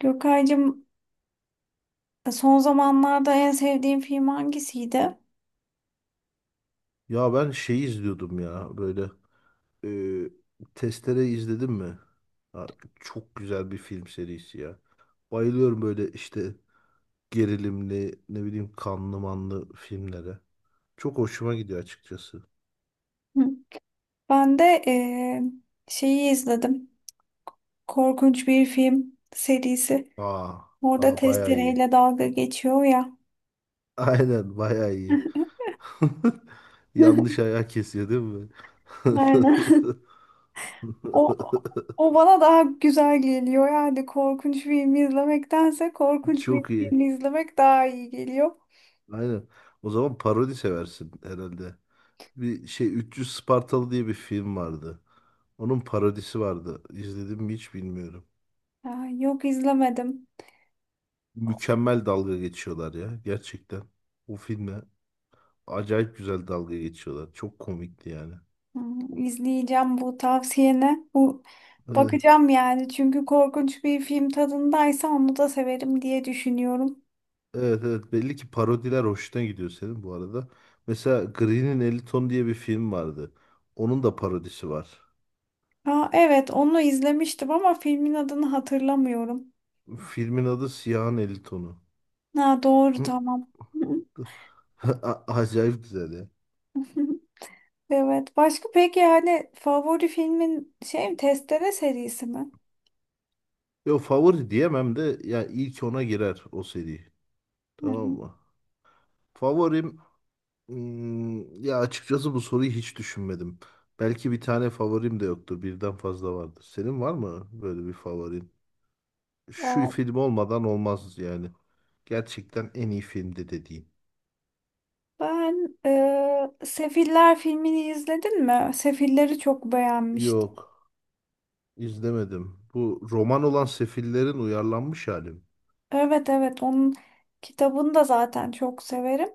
Gökaycığım son zamanlarda en sevdiğin film hangisiydi? Ya ben şeyi izliyordum ya böyle e, Testere izledim mi? Ha, çok güzel bir film serisi ya. Bayılıyorum böyle işte gerilimli, ne bileyim, kanlı manlı filmlere. Çok hoşuma gidiyor açıkçası. Hı. Ben de şeyi izledim. Korkunç bir film serisi. Aa, Orada aa bayağı iyi. testereyle dalga geçiyor ya. Aynen, bayağı iyi. Yanlış ayağı kesiyor değil mi? Aynen. O, o bana daha güzel geliyor. Yani korkunç film izlemektense korkunç bir Çok iyi. film izlemek daha iyi geliyor. Aynen. O zaman parodi seversin herhalde. Bir şey, 300 Spartalı diye bir film vardı. Onun parodisi vardı. İzledim mi hiç bilmiyorum. Aa, yok izlemedim. Mükemmel dalga geçiyorlar ya gerçekten. O filme acayip güzel dalga geçiyorlar. Çok komikti yani. Hmm, İzleyeceğim bu tavsiyene. Bu Evet, bakacağım yani. Çünkü korkunç bir film tadındaysa onu da severim diye düşünüyorum. evet, evet. Belli ki parodiler hoşuna gidiyor senin bu arada. Mesela Green'in 50 Ton diye bir film vardı. Onun da parodisi var. Aa, evet onu izlemiştim ama filmin adını hatırlamıyorum. Filmin adı Siyahın 50 Tonu. Ha, doğru Hı. tamam. Acayip güzel ya. Evet. Başka peki yani favori filmin şey mi? Testere serisi mi? Yo, favori diyemem de ya, ilk ona girer o seri. Hı Tamam hı. mı? Favorim. Ya açıkçası bu soruyu hiç düşünmedim. Belki bir tane favorim de yoktur. Birden fazla vardır. Senin var mı böyle bir favorin? Şu Aa, film olmadan olmaz yani. Gerçekten en iyi filmdi dediğin. ben Sefiller filmini izledin mi? Sefilleri çok beğenmiştim. Yok, izlemedim. Bu roman olan Sefillerin uyarlanmış hali mi? Evet evet, onun kitabını da zaten çok severim.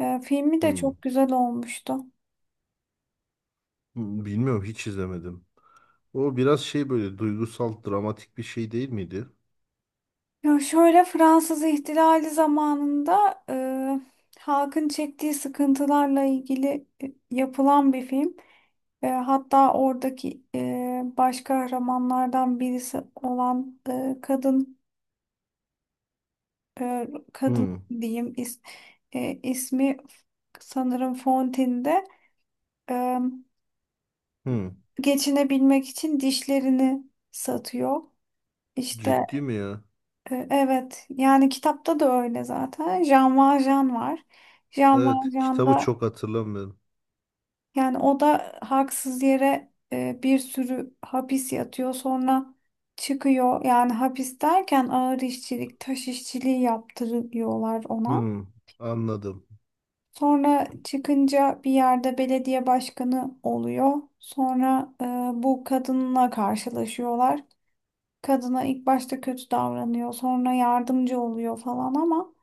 Filmi de Hmm, çok güzel olmuştu. Bilmiyorum, hiç izlemedim. O biraz şey böyle duygusal, dramatik bir şey değil miydi? Ya şöyle Fransız İhtilali zamanında halkın çektiği sıkıntılarla ilgili yapılan bir film. Hatta oradaki baş kahramanlardan birisi olan e, kadın Hmm. diyeyim ismi sanırım Fontaine'de e, Hmm. geçinebilmek için dişlerini satıyor. İşte Ciddi mi ya? Evet yani kitapta da öyle zaten. Jean Valjean var. Jean Evet, kitabı Valjean'da çok hatırlamıyorum. yani o da haksız yere bir sürü hapis yatıyor. Sonra çıkıyor. Yani hapis derken ağır işçilik, taş işçiliği yaptırıyorlar ona. Hmm. Anladım. Sonra çıkınca bir yerde belediye başkanı oluyor. Sonra bu kadınla karşılaşıyorlar. Kadına ilk başta kötü davranıyor. Sonra yardımcı oluyor falan ama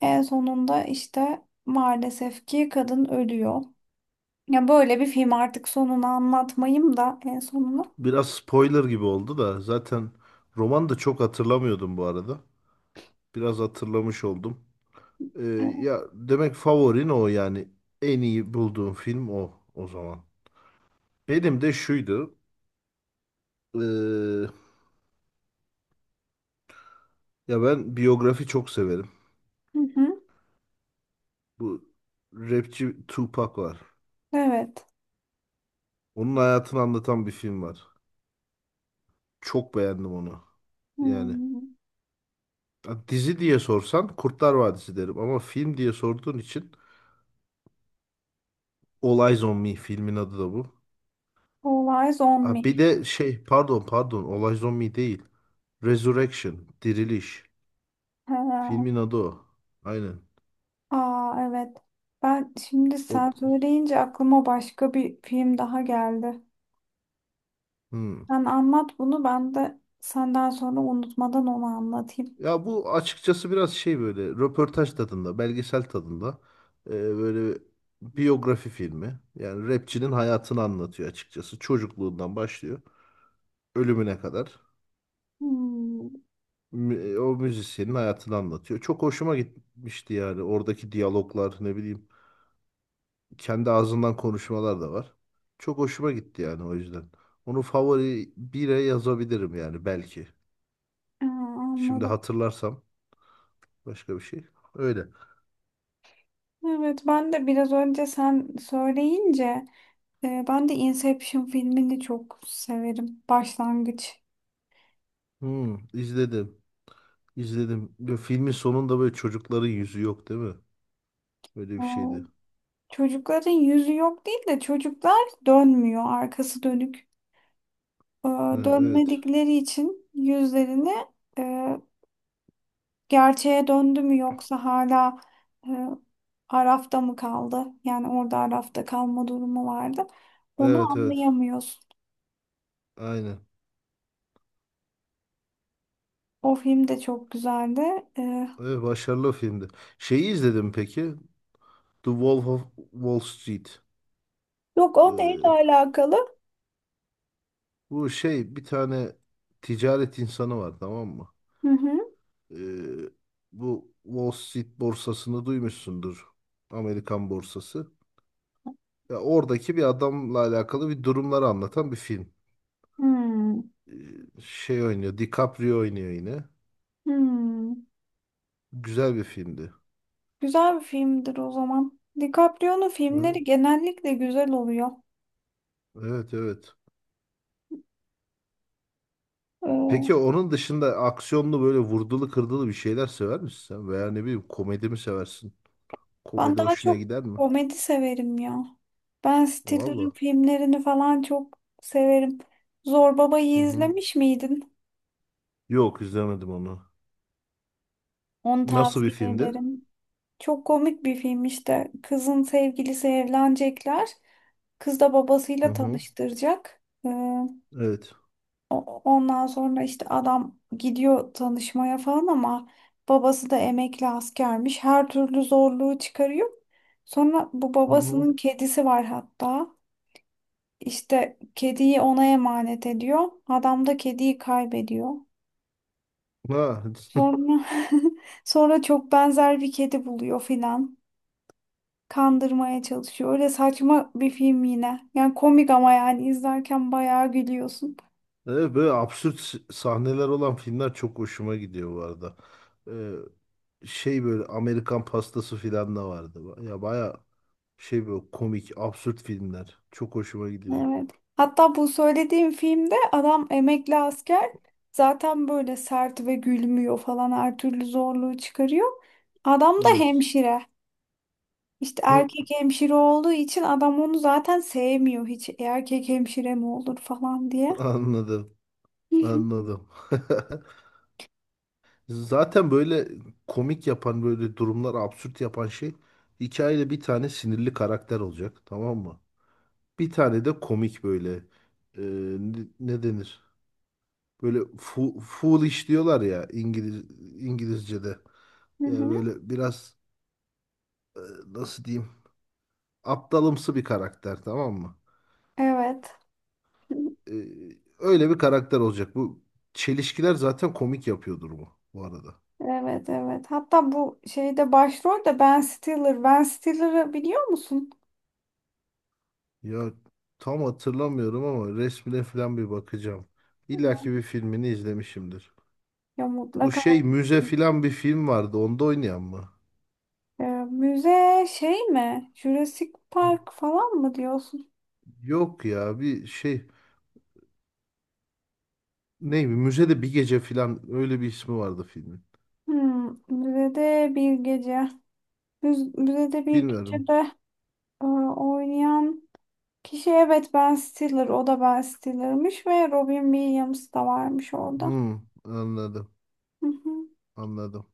en sonunda işte maalesef ki kadın ölüyor. Ya böyle bir film, artık sonunu anlatmayayım da en sonunu. Biraz spoiler gibi oldu da zaten, roman da çok hatırlamıyordum bu arada. Biraz hatırlamış oldum. Ee, Evet. Ya demek favorin o, yani en iyi bulduğum film o o zaman. Benim de şuydu. ee, Ya ben biyografi çok severim. Hı hı. Bu rapçi Tupac var. Evet. Onun hayatını anlatan bir film var. Çok beğendim onu. Yani Hmm. ha, dizi diye sorsan Kurtlar Vadisi derim ama film diye sorduğun için, All Eyes on Me, filmin adı da bu. All Eyes. Ha, bir de şey, pardon pardon, olay zombi değil. Resurrection, diriliş. Ha. Filmin adı o. Aynen. Aa, evet. Ben şimdi O, sen söyleyince aklıma başka bir film daha geldi. hmm. Sen anlat bunu, ben de senden sonra unutmadan onu anlatayım. Ya bu açıkçası biraz şey, böyle röportaj tadında, belgesel tadında, böyle biyografi filmi. Yani rapçinin hayatını anlatıyor açıkçası. Çocukluğundan başlıyor ölümüne kadar. Hmm. O müzisyenin hayatını anlatıyor. Çok hoşuma gitmişti yani, oradaki diyaloglar, ne bileyim. Kendi ağzından konuşmalar da var. Çok hoşuma gitti yani, o yüzden. Onu favori bire yazabilirim yani, belki. Aa, Şimdi anladım. hatırlarsam başka bir şey. Öyle. Evet, ben de biraz önce sen söyleyince ben de Inception filmini çok severim. Başlangıç. İzledim. İzledim. Ve filmin sonunda böyle çocukların yüzü yok değil mi? Öyle bir Aa, şeydi. çocukların yüzü yok değil de çocuklar dönmüyor, arkası dönük. Ee, Ha, evet. Dönmedikleri için yüzlerini e, gerçeğe döndü mü yoksa hala e, Araf'ta mı kaldı? Yani orada Araf'ta kalma durumu vardı. Onu Evet, evet. anlayamıyorsun. Aynen. O film de çok güzeldi. Ee, Evet, başarılı filmdi. Şeyi izledim peki. The Wolf of Wall Street. Yok, o neyle Ee, alakalı? Bu şey, bir tane ticaret insanı var, tamam mı? Hı hı. Ee, Bu Wall Street borsasını duymuşsundur. Amerikan borsası. Ya oradaki bir adamla alakalı bir durumları anlatan bir film. Hmm. Ee, Şey oynuyor, DiCaprio oynuyor yine. Hmm. Güzel bir filmdi. Güzel bir filmdir o zaman. DiCaprio'nun Hı? filmleri genellikle güzel oluyor. Evet, evet. Ee, Peki onun dışında aksiyonlu, böyle vurdulu kırdılı bir şeyler sever misin sen? Veya ne bileyim, komedi mi seversin? Ben Komedi daha hoşuna çok gider mi? komedi severim ya. Ben Stiller'ın Valla. filmlerini falan çok severim. Zor Hı Baba'yı hı. izlemiş miydin? Yok, izlemedim onu. Onu Nasıl bir tavsiye filmdi? ederim. Çok komik bir film işte. Kızın sevgilisi, evlenecekler. Kız da Hı babasıyla hı. tanıştıracak. Evet. Ondan sonra işte adam gidiyor tanışmaya falan ama babası da emekli askermiş. Her türlü zorluğu çıkarıyor. Sonra bu Hı hı. babasının kedisi var hatta. İşte kediyi ona emanet ediyor. Adam da kediyi kaybediyor. Ha. Sonra sonra çok benzer bir kedi buluyor filan. Kandırmaya çalışıyor. Öyle saçma bir film yine. Yani komik, ama yani izlerken bayağı gülüyorsun. Evet, böyle absürt sahneler olan filmler çok hoşuma gidiyor bu arada. Şey, böyle Amerikan pastası filan da vardı. Ya baya şey, böyle komik, absürt filmler. Çok hoşuma gidiyor. Evet. Hatta bu söylediğim filmde adam emekli asker zaten, böyle sert ve gülmüyor falan, her türlü zorluğu çıkarıyor. Adam da Evet. hemşire. İşte erkek hemşire olduğu için adam onu zaten sevmiyor hiç. "E, erkek hemşire mi olur falan diye. Anladım. Hı hı. Anladım. Zaten böyle komik yapan, böyle durumlar absürt yapan şey, hikayede bir tane sinirli karakter olacak, tamam mı? Bir tane de komik, böyle e, ne denir? Böyle foolish diyorlar ya, İngilizce'de. Hı Yani hı. böyle biraz, e, nasıl diyeyim, aptalımsı bir karakter, tamam mı? Evet. E, Öyle bir karakter olacak. Bu çelişkiler zaten komik yapıyordur bu, bu arada. Evet evet. Hatta bu şeyde başrol de Ben Stiller. Ben Stiller'ı biliyor musun? Ya tam hatırlamıyorum ama resmine falan bir bakacağım. İlla ki bir filmini izlemişimdir. Ya Bu mutlaka. şey, müze falan bir film vardı. Onda oynayan mı? Ee, müze şey mi? Jurassic Park falan mı diyorsun? Yok ya, bir şey, ne, bir müzede bir gece falan, öyle bir ismi vardı filmin. Hmm, müzede bir gece. Müzede bir Bilmiyorum. gecede oynayan kişi, evet Ben Stiller, o da Ben Stiller'mış ve Robin Williams da varmış orada. Anladım. Hı hı. Anladım.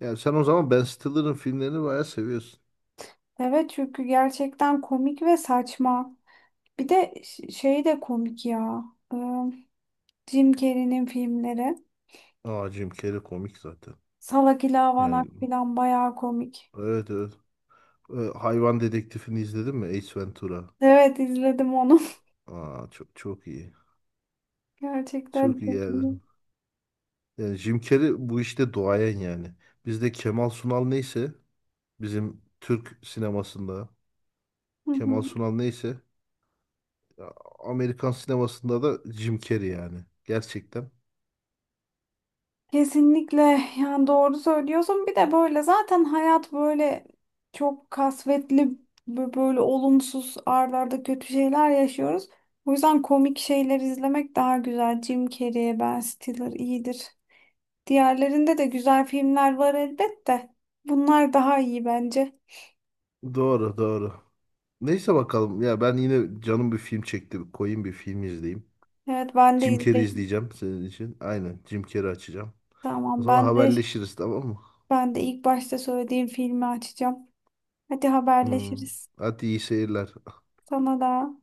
Yani sen o zaman Ben Stiller'ın filmlerini bayağı seviyorsun. Evet, çünkü gerçekten komik ve saçma. Bir de şey de komik ya. Ee, Jim Carrey'nin filmleri. Aa, Jim Carrey komik zaten. Salak İlavanak Yani falan bayağı komik. evet, evet. Hayvan Dedektifini izledin mi? Ace Ventura. Evet, izledim onu. Aa, çok çok iyi. Gerçekten Çok iyi çok yani. iyi. Yani Jim Carrey bu işte duayen yani. Bizde Kemal Sunal neyse, bizim Türk sinemasında Hı Kemal hı. Sunal neyse ya, Amerikan sinemasında da Jim Carrey yani. Gerçekten. Kesinlikle, yani doğru söylüyorsun. Bir de böyle zaten hayat böyle çok kasvetli, böyle olumsuz ardarda kötü şeyler yaşıyoruz. O yüzden komik şeyler izlemek daha güzel. Jim Carrey, Ben Stiller iyidir. Diğerlerinde de güzel filmler var elbette. Bunlar daha iyi bence. Doğru, doğru. Neyse bakalım. Ya ben yine canım bir film çekti. Koyayım bir film izleyeyim. Evet, ben de Jim Carrey izleyeyim. izleyeceğim senin için. Aynen, Jim Carrey açacağım. O Tamam, zaman ben de haberleşiriz, tamam mı? ben de ilk başta söylediğim filmi açacağım. Hadi Hmm. haberleşiriz. Hadi iyi seyirler. Sana da.